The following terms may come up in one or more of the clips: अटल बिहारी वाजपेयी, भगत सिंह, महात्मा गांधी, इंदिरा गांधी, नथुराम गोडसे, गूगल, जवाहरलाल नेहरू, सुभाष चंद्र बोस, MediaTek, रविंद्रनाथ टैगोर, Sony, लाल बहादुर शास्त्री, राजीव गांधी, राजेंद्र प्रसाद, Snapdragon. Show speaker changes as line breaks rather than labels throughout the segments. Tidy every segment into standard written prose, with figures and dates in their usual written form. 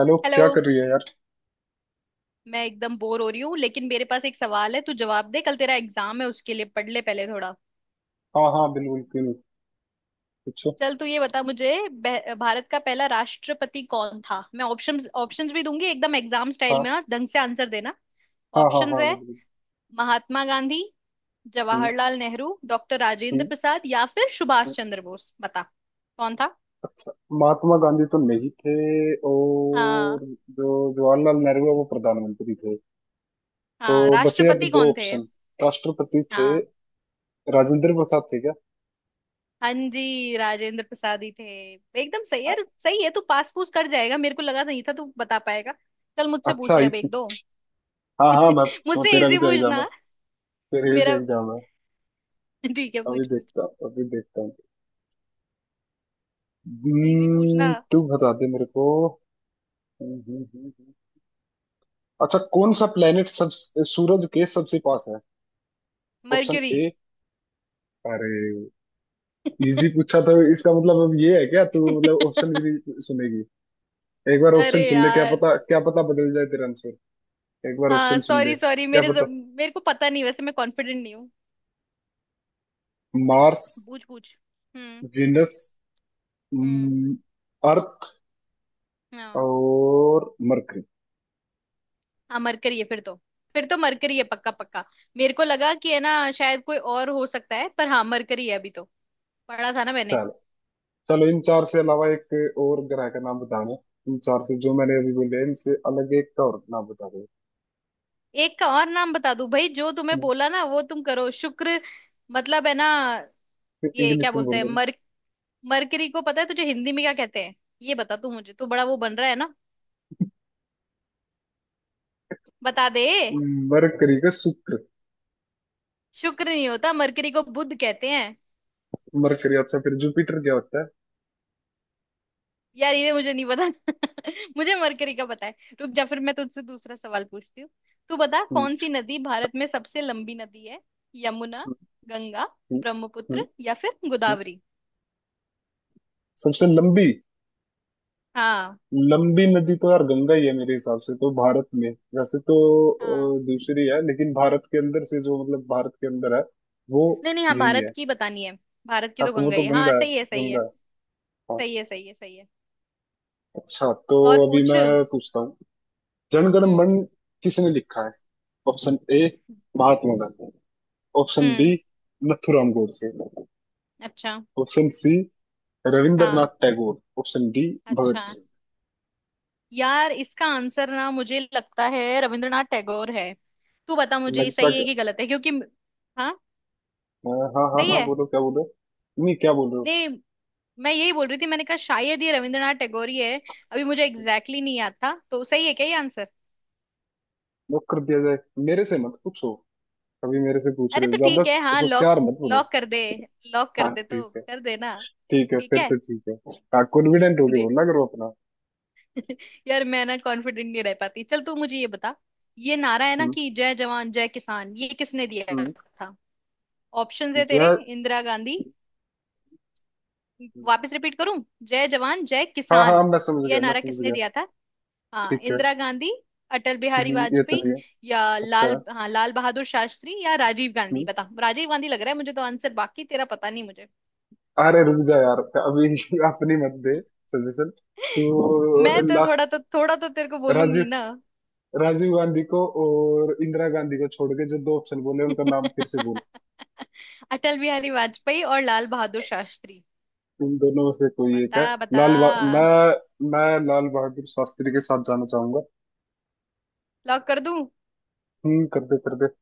Hello
hello.
क्या कर रही है यार।
मैं एकदम बोर हो रही हूँ लेकिन मेरे पास एक सवाल है। तू जवाब दे। कल तेरा एग्जाम है, उसके लिए पढ़ ले पहले थोड़ा।
हाँ हाँ बिल्कुल बिल्कुल। पूछो।
चल तू ये बता मुझे, भारत का पहला राष्ट्रपति कौन था? मैं ऑप्शंस ऑप्शंस भी दूंगी, एकदम एग्जाम स्टाइल में।
हाँ
हाँ, ढंग से आंसर देना।
हाँ हाँ
ऑप्शंस
हाँ
है:
बिल्कुल।
महात्मा गांधी,
हम्म।
जवाहरलाल नेहरू, डॉक्टर राजेंद्र
हम्म।
प्रसाद या फिर सुभाष
हम्म।
चंद्र बोस। बता कौन था।
अच्छा। महात्मा गांधी तो नहीं थे।
हाँ
और जो जवाहरलाल नेहरू है वो प्रधानमंत्री थे। तो
हाँ।
बचे अब
राष्ट्रपति
दो
कौन थे?
ऑप्शन। राष्ट्रपति थे।
हाँ,
राजेंद्र प्रसाद थे क्या?
हाँ जी राजेंद्र प्रसाद ही थे। एकदम सही
हाँ।
यार। सही है। तू पास पूछ कर जाएगा। मेरे को लगा नहीं था तू बता पाएगा। चल मुझसे
अच्छा
पूछ ले अब एक दो।
हाँ हाँ मैं पूछूं,
मुझसे
तेरा भी
इजी
तो एग्जाम है।
पूछना।
तेरे भी तो
मेरा।
एग्जाम है।
ठीक है,
अभी
पूछ पूछ।
देखता हूँ, अभी देखता हूँ।
इजी पूछना।
तू बता दे मेरे को। हम्म। हम्म। हम्म। हम्म। अच्छा। कौन सा प्लेनेट सब सूरज के सबसे पास है? Option
Mercury.
ए। अरे! इजी पूछा तो इसका मतलब अब ये है क्या, तू मतलब ऑप्शन भी नहीं सुनेगी? एक बार ऑप्शन
अरे
सुन ले,
यार।
क्या पता बदल जाए तेरा आंसर। एक बार
हाँ,
ऑप्शन सुन ले,
सॉरी सॉरी।
क्या
मेरे जब
पता।
मेरे को पता नहीं, वैसे मैं कॉन्फिडेंट नहीं हूँ।
मार्स।
पूछ पूछ। हम्म।
विनस।
हम्म।
अर्थ।
हाँ,
और मरकरी।
हाँ मरकरी है फिर तो। फिर तो मरकरी है, पक्का पक्का। मेरे को लगा कि है ना, शायद कोई और हो सकता है, पर हाँ मरकरी है अभी तो। पढ़ा था ना मैंने।
चलो, चलो इन चार से अलावा एक और ग्रह का नाम बताना। इन चार से जो मैंने अभी बोले इनसे अलग एक का और नाम बता दो।
एक का और नाम बता दूं? भाई, जो तुम्हें बोला ना वो तुम करो। शुक्र, मतलब है ना, ये क्या
इंग्लिश में
बोलते हैं
बोले।
मर... मरकरी को पता है तुझे हिंदी में क्या कहते हैं? ये बता तू मुझे, तू बड़ा वो बन रहा है ना। बता दे।
मरकरी का शुक्र।
शुक्र नहीं होता, मरकरी को बुध कहते हैं।
मरकरी। अच्छा, फिर जुपिटर क्या होता है?
यार, ये मुझे नहीं पता। मुझे मरकरी का पता है। रुक जा, फिर मैं तुझसे दूसरा सवाल पूछती हूँ। तू बता
हम्म,
कौन सी नदी भारत में सबसे लंबी नदी है? यमुना, गंगा, ब्रह्मपुत्र या फिर गोदावरी।
सबसे लंबी
हाँ।
लंबी नदी तो यार गंगा ही है मेरे हिसाब से तो भारत में। वैसे तो
हाँ,
दूसरी है, लेकिन भारत के अंदर से जो, मतलब भारत के अंदर है, वो
नहीं नहीं, हाँ
यही
भारत
है।
की बतानी है। भारत की
हाँ
तो
तो वो
गंगा
तो
ही है। हाँ,
गंगा है।
सही है। सही
गंगा
है।
है। हाँ।
सही है। सही है। सही है।
अच्छा, तो
और
अभी
पूछ।
मैं पूछता हूँ। जनगण
हम्म।
मन किसने लिखा है? Option A महात्मा गांधी। Option B
हम्म।
नथुराम गोडसे।
अच्छा।
ऑप्शन सी
हाँ।
रविंद्रनाथ टैगोर। ऑप्शन डी
अच्छा
भगत सिंह।
यार, इसका आंसर ना मुझे लगता है रविंद्रनाथ टैगोर है। तू बता मुझे ये
लगता
सही है
क्या?
कि गलत है, क्योंकि... हाँ।
अ, हाँ हाँ
सही
हाँ,
है।
बोलो क्या बोलो। नहीं, क्या बोल रहे हो?
नहीं, मैं यही बोल रही थी। मैंने कहा शायद ये रविंद्रनाथ टैगोर ही है। अभी मुझे एग्जैक्टली exactly नहीं याद था। तो सही है क्या ये आंसर?
लॉक कर दिया जाए? मेरे से मत पूछो। कभी मेरे से पूछ
अरे
रहे हो,
तो
ज्यादा
ठीक है, हाँ लॉक।
होशियार मत बोलो।
लॉक कर दे। लॉक कर
हाँ
दे तो
ठीक है।
कर दे ना।
ठीक है,
ठीक
फिर
है।
तो ठीक है। हाँ, कॉन्फिडेंट होके बोलना करो अपना।
यार, मैं ना कॉन्फिडेंट नहीं रह पाती। चल तू मुझे ये बता। ये नारा है ना
हम्म।
कि जय जवान जय किसान, ये किसने दिया
हम्म।
था? ऑप्शंस है तेरे।
जय।
इंदिरा गांधी। वापस रिपीट करूं? जय जवान जय
हाँ
किसान,
हाँ, मैं समझ
ये
गया, मैं
नारा
समझ
किसने
गया।
दिया था? हाँ,
ठीक है।
इंदिरा गांधी, अटल बिहारी
ये तो
वाजपेयी
नहीं है।
या
अच्छा।
लाल बहादुर शास्त्री या राजीव गांधी।
हम्म,
बता। राजीव गांधी लग रहा है मुझे तो आंसर, बाकी तेरा पता नहीं मुझे।
अरे रुक जा यार अभी अपनी मत दे सजेशन।
मैं
तो
तो
लास्ट।
थोड़ा तो थोड़ा तो तेरे को बोलूंगी ना।
राजीव राजीव गांधी को और इंदिरा गांधी को छोड़ के जो दो ऑप्शन बोले उनका नाम फिर से बोल।
अटल बिहारी वाजपेयी और लाल बहादुर शास्त्री।
इन दोनों में से कोई एक है।
बता बता।
मैं लाल बहादुर शास्त्री के साथ जाना चाहूंगा।
लॉक कर दूं?
कर दे, कर दे।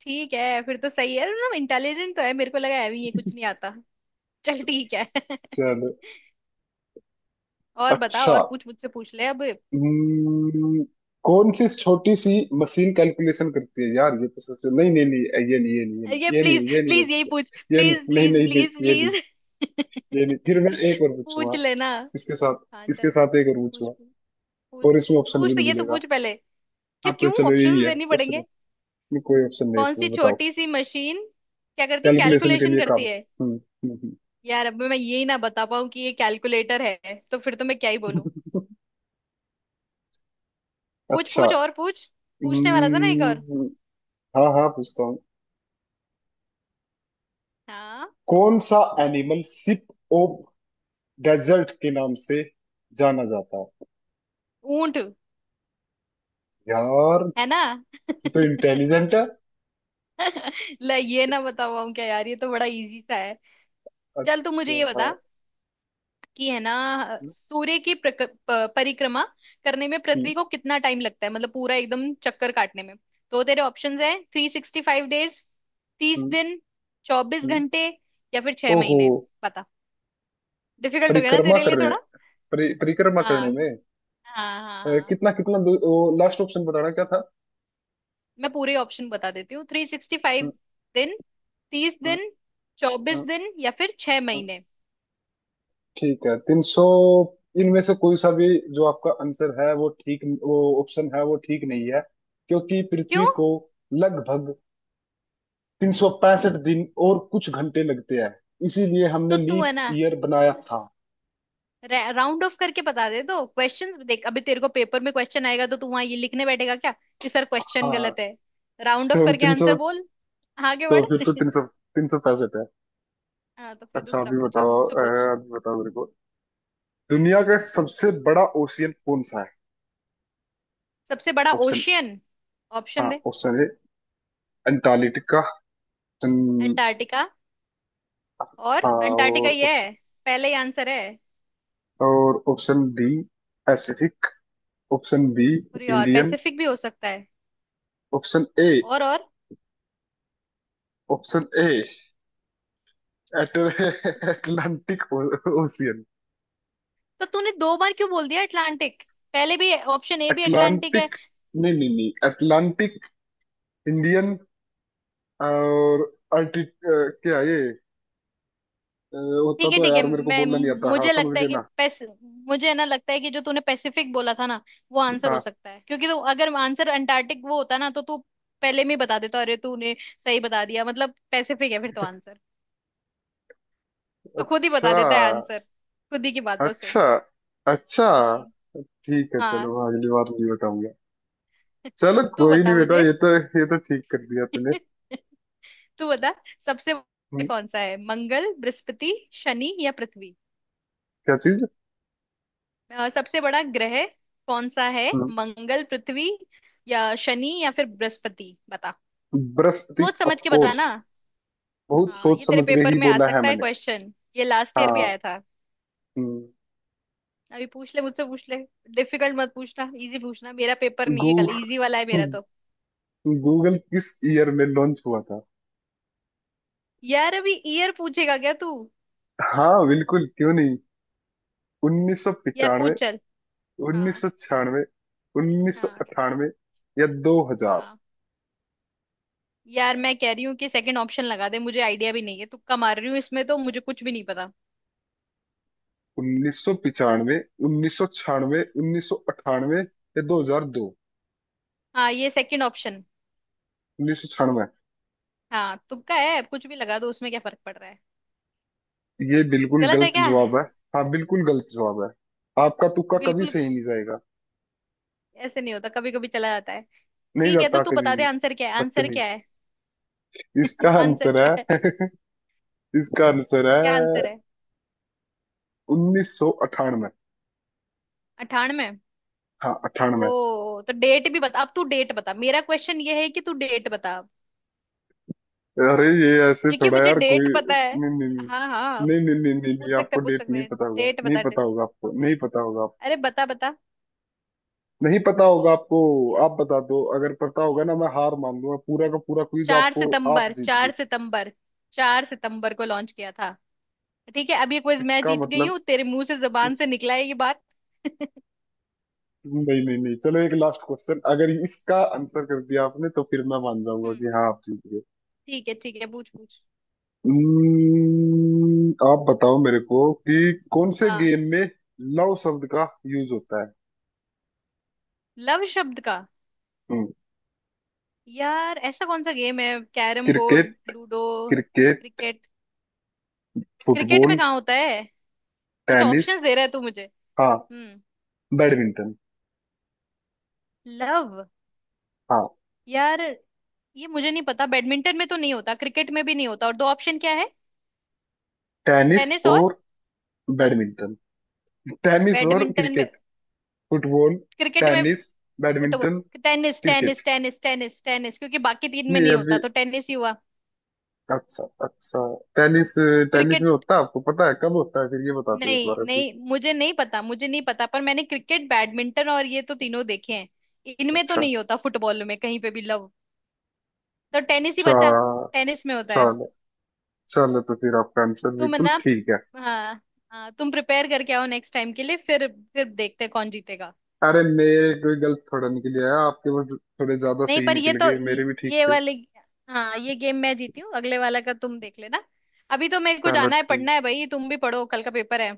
ठीक है फिर तो। सही है ना, इंटेलिजेंट तो है। मेरे को लगा है अभी ये कुछ नहीं आता। चल ठीक है।
चलो।
और बता,
अच्छा।
और पूछ, मुझसे पूछ ले अब।
हम्म, कौन सी छोटी सी मशीन कैलकुलेशन करती है, यार ये तो सोचो। नहीं नहीं नहीं, ये नहीं ये
ये
नहीं। ये
प्लीज
नहीं ये नहीं ये नहीं, मैं
प्लीज, यही पूछ,
पूछूंगा। ये नहीं।
प्लीज
नहीं
प्लीज
नहीं
प्लीज
नहीं, ये नहीं।
प्लीज।
ये नहीं, फिर मैं एक और
पूछ
पूछूंगा
लेना।
इसके
हाँ
साथ। इसके
चल।
साथ एक और
पूछ
पूछूंगा।
पूछ।
और इसमें
पूछ
ऑप्शन भी
पूछ, तो
नहीं
ये तो
मिलेगा।
पूछ पहले।
हाँ
फिर
तो
क्यों
चलो, यही
ऑप्शंस
है
देनी
क्वेश्चन।
पड़ेंगे?
है कोई ऑप्शन नहीं
कौन सी
इसमें, बताओ।
छोटी सी मशीन क्या करती,
कैलकुलेशन के
कैलकुलेशन
लिए
करती
काम।
है?
हम्म। हम्म।
यार अब मैं यही ना बता पाऊँ कि ये कैलकुलेटर है, तो फिर तो मैं क्या ही बोलूं।
हम्म।
पूछ
अच्छा।
पूछ और पूछ। पूछने वाला था ना एक और।
हम्म, हाँ हाँ पूछता हूँ।
हाँ।
कौन सा
ऊ-
एनिमल सिप ऑफ डेजर्ट के नाम से जाना जाता है?
ऊंट
यार
है ना।
तू तो इंटेलिजेंट है।
ला ये ना बता पाऊँ क्या यार? ये तो बड़ा इजी सा है। चल तू मुझे
अच्छा,
ये बता
हाँ।
कि है ना,
हम्म।
सूर्य की परिक्रमा करने में
हम्म।
पृथ्वी को कितना टाइम लगता है? मतलब पूरा एकदम चक्कर काटने में। तो तेरे ऑप्शंस है: 365 डेज, तीस
हम्म।
दिन चौबीस
हम्म।
घंटे या फिर छह
ओहो।
महीने डिफिकल्ट हो गया ना
परिक्रमा
तेरे
कर
लिए
रहे हैं।
थोड़ा।
परिक्रमा करने
हाँ,
में।
हाँ हाँ हाँ।
कितना कितना दूर? लास्ट ऑप्शन बताना क्या था?
मैं पूरे ऑप्शन बता देती हूँ: थ्री सिक्सटी
हम्म।
फाइव दिन तीस
हम्म।
दिन चौबीस
हम्म।
दिन या फिर छह
हम्म।
महीने।
ठीक है। 300 इनमें से कोई सा भी जो आपका आंसर है, वो ठीक, वो ऑप्शन है वो ठीक नहीं है, क्योंकि
क्यों?
पृथ्वी को लगभग 365 दिन और कुछ घंटे लगते हैं, इसीलिए हमने
तो तू है
लीप
ना
ईयर बनाया था।
राउंड ऑफ करके बता दे। तो क्वेश्चंस देख, अभी तेरे को पेपर में क्वेश्चन आएगा तो तू वहां ये लिखने बैठेगा क्या कि सर क्वेश्चन
हाँ
गलत है? राउंड ऑफ
तो
करके
300,
आंसर बोल। आगे
तो
बढ़।
फिर तो 365 है।
हाँ, तो फिर
अच्छा,
दूसरा
अभी
पूछा
बताओ
मुझसे पूछ।
अभी बताओ मेरे को,
हम्म।
दुनिया का सबसे बड़ा ओशियन कौन सा है?
सबसे बड़ा
ऑप्शन।
ओशियन?
हाँ,
ऑप्शन दे।
Option A Antarctica. Option.
Antarctica, और
हाँ।
अंटार्कटिका
और
ये
ऑप्शन।
है? पहले ही आंसर है।
और option B Pacific. Option B
अरे यार,
इंडियन।
पैसिफिक भी हो सकता है।
Option A.
और और?
Option A Atlantic ocean.
तो तूने दो बार क्यों बोल दिया अटलांटिक? पहले भी ऑप्शन ए भी अटलांटिक है।
अटलांटिक। नहीं नहीं नहीं, अटलांटिक, इंडियन और अर्टि क्या ये होता
ठीक है
तो है
ठीक है,
यार, मेरे को
मैं
बोलना नहीं आता, हाँ
मुझे
समझ
लगता है
गए
कि
ना।
पैस... मुझे ना लगता है कि जो तूने पैसिफिक बोला था ना, वो आंसर हो
हाँ।
सकता है, क्योंकि तो अगर आंसर अंटार्कटिक वो होता ना, तो तू पहले में ही बता देता। अरे तूने सही बता दिया, मतलब पैसिफिक है फिर तो आंसर। तू खुद ही
अच्छा।
बता देता है आंसर, खुद ही की बातों से।
अच्छा। अच्छा।
हम्म।
ठीक है,
हाँ।
चलो। हाँ, अगली बार नहीं बताऊंगा। चलो,
तू
कोई नहीं
बता
बेटा,
मुझे।
ये तो ठीक कर दिया तूने।
तू बता, सबसे बड़ा
हम्म,
कौन सा है? मंगल, बृहस्पति, शनि या पृथ्वी।
क्या चीज?
सबसे बड़ा ग्रह कौन सा है?
हम्म,
मंगल, पृथ्वी या शनि या फिर बृहस्पति। बता।
बृहस्पति
सोच समझ
ऑफ
के बता
कोर्स।
ना।
बहुत
हाँ, ये
सोच
तेरे
समझ के
पेपर
ही
में आ
बोला है
सकता है
मैंने।
क्वेश्चन, ये लास्ट ईयर भी
हाँ।
आया था।
हम्म,
अभी पूछ ले, मुझसे पूछ ले। डिफिकल्ट मत पूछना, इजी पूछना। मेरा पेपर नहीं
गू
है कल, इजी वाला है मेरा तो।
गूगल किस ईयर में लॉन्च हुआ था?
यार अभी ईयर पूछेगा क्या तू?
हाँ बिल्कुल, क्यों नहीं। उन्नीस सौ
यार
पिचानवे
पूछ चल।
उन्नीस
हाँ,
सौ छियानवे उन्नीस सौ
हाँ,
अट्ठानवे या 2000।
हाँ। यार मैं कह रही हूँ कि सेकंड ऑप्शन लगा दे, मुझे आइडिया भी नहीं है। तुक्का मार रही हूँ इसमें, तो मुझे कुछ भी नहीं पता।
1995। उन्नीस सौ छियानवे। उन्नीस सौ अट्ठानवे। या 2002।
हाँ, ये सेकंड ऑप्शन।
1996?
हाँ तुक्का है, कुछ भी लगा दो, उसमें क्या फर्क पड़ रहा है?
ये बिल्कुल
गलत है
गलत
क्या?
जवाब है। हाँ बिल्कुल गलत जवाब है। आपका तुक्का कभी
बिल्कुल
सही
ग-
नहीं जाएगा।
ऐसे नहीं होता, कभी कभी चला जाता है।
नहीं
ठीक है, तो
जाता
तू
कभी
बता
भी।
दे आंसर क्या है? आंसर क्या
बदतमीज।
है?
इसका
आंसर
आंसर
क्या है?
है। इसका आंसर
क्या
है
आंसर है?
1998।
98?
हाँ, 98।
ओ, तो डेट भी बता अब तू। डेट बता। मेरा क्वेश्चन ये है कि तू डेट बता,
अरे ये ऐसे
क्योंकि
थोड़ा
मुझे
यार, कोई।
डेट पता है।
नहीं नहीं। नहीं
हाँ हाँ।
नहीं नहीं नहीं नहीं नहीं,
पूछ सकते,
आपको
पूछ
डेट नहीं
सकते,
पता होगा,
डेट
नहीं
बता
पता
date।
होगा आपको, नहीं पता होगा आप।
अरे बता बता।
नहीं पता होगा आपको। आप बता दो, अगर पता होगा ना मैं हार मान लूंगा, पूरा का पूरा क्विज
चार
आपको, आप
सितंबर
जीत गए।
4 सितंबर, चार सितंबर को लॉन्च किया था। ठीक है, अब ये क्विज मैं
इसका
जीत गई
मतलब
हूँ, तेरे मुंह से जबान
उस-
से निकला है ये बात।
नहीं नहीं नहीं, चलो एक लास्ट क्वेश्चन, अगर इसका आंसर कर दिया आपने तो फिर मैं मान जाऊंगा
हम्म।
कि हाँ आप जीत गए।
ठीक है ठीक है, पूछ पूछ।
आप बताओ मेरे को कि कौन से
हाँ।
गेम में लव शब्द का यूज होता है?
लव शब्द का?
हम्म,
यार ऐसा कौन सा गेम है? Carrom board,
cricket.
Ludo,
cricket.
Cricket? Cricket में
फुटबॉल।
कहाँ होता है? अच्छा,
टेनिस।
ऑप्शंस दे रहा है तू मुझे।
हाँ।
हम्म।
बैडमिंटन।
लव?
हाँ।
यार ये मुझे नहीं पता, बैडमिंटन में तो नहीं होता, क्रिकेट में भी नहीं होता। और दो ऑप्शन क्या है?
टेनिस
टेनिस और
और बैडमिंटन। टेनिस और
बैडमिंटन में,
क्रिकेट। फुटबॉल।
क्रिकेट में,
tennis.
Football.
Badminton.
Tennis
cricket.
Tennis tennis tennis tennis, क्योंकि बाकी तीन में
नहीं,
नहीं
अभी।
होता तो टेनिस ही हुआ।
अच्छा, अच्छा। टेनिस। Tennis
cricket.
में होता है। आपको पता है कब होता है? फिर ये बताते हैं एक
नहीं
बार, अभी।
नहीं, मुझे नहीं पता, मुझे नहीं पता, पर मैंने क्रिकेट, बैडमिंटन और ये तो तीनों देखे हैं, इनमें तो
अच्छा।
नहीं होता, फुटबॉल में कहीं पे भी लव। तो टेनिस ही
अच्छा।
बचा। टेनिस में होता है।
चलो, चलो तो फिर आपका आंसर
तुम है
बिल्कुल
ना।
ठीक है।
हाँ। हाँ, तुम प्रिपेयर करके आओ नेक्स्ट टाइम के लिए, फिर देखते हैं कौन जीतेगा।
अरे, मेरे कोई गलत थोड़ा निकल आया, आपके बस थोड़े ज्यादा
नहीं,
सही
पर ये
निकल
तो
गए,
ये
मेरे भी ठीक
ये
थे।
वाले। हाँ, ये गेम मैं जीती हूँ, अगले वाला का तुम देख लेना। अभी तो मेरे को
चलो,
जाना है,
ठीक।
पढ़ना है। भाई, तुम भी पढ़ो, कल का पेपर है।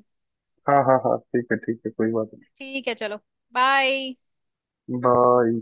हाँ हाँ हाँ, ठीक है, ठीक है, कोई बात
ठीक है, चलो। बाय।
नहीं। बाय।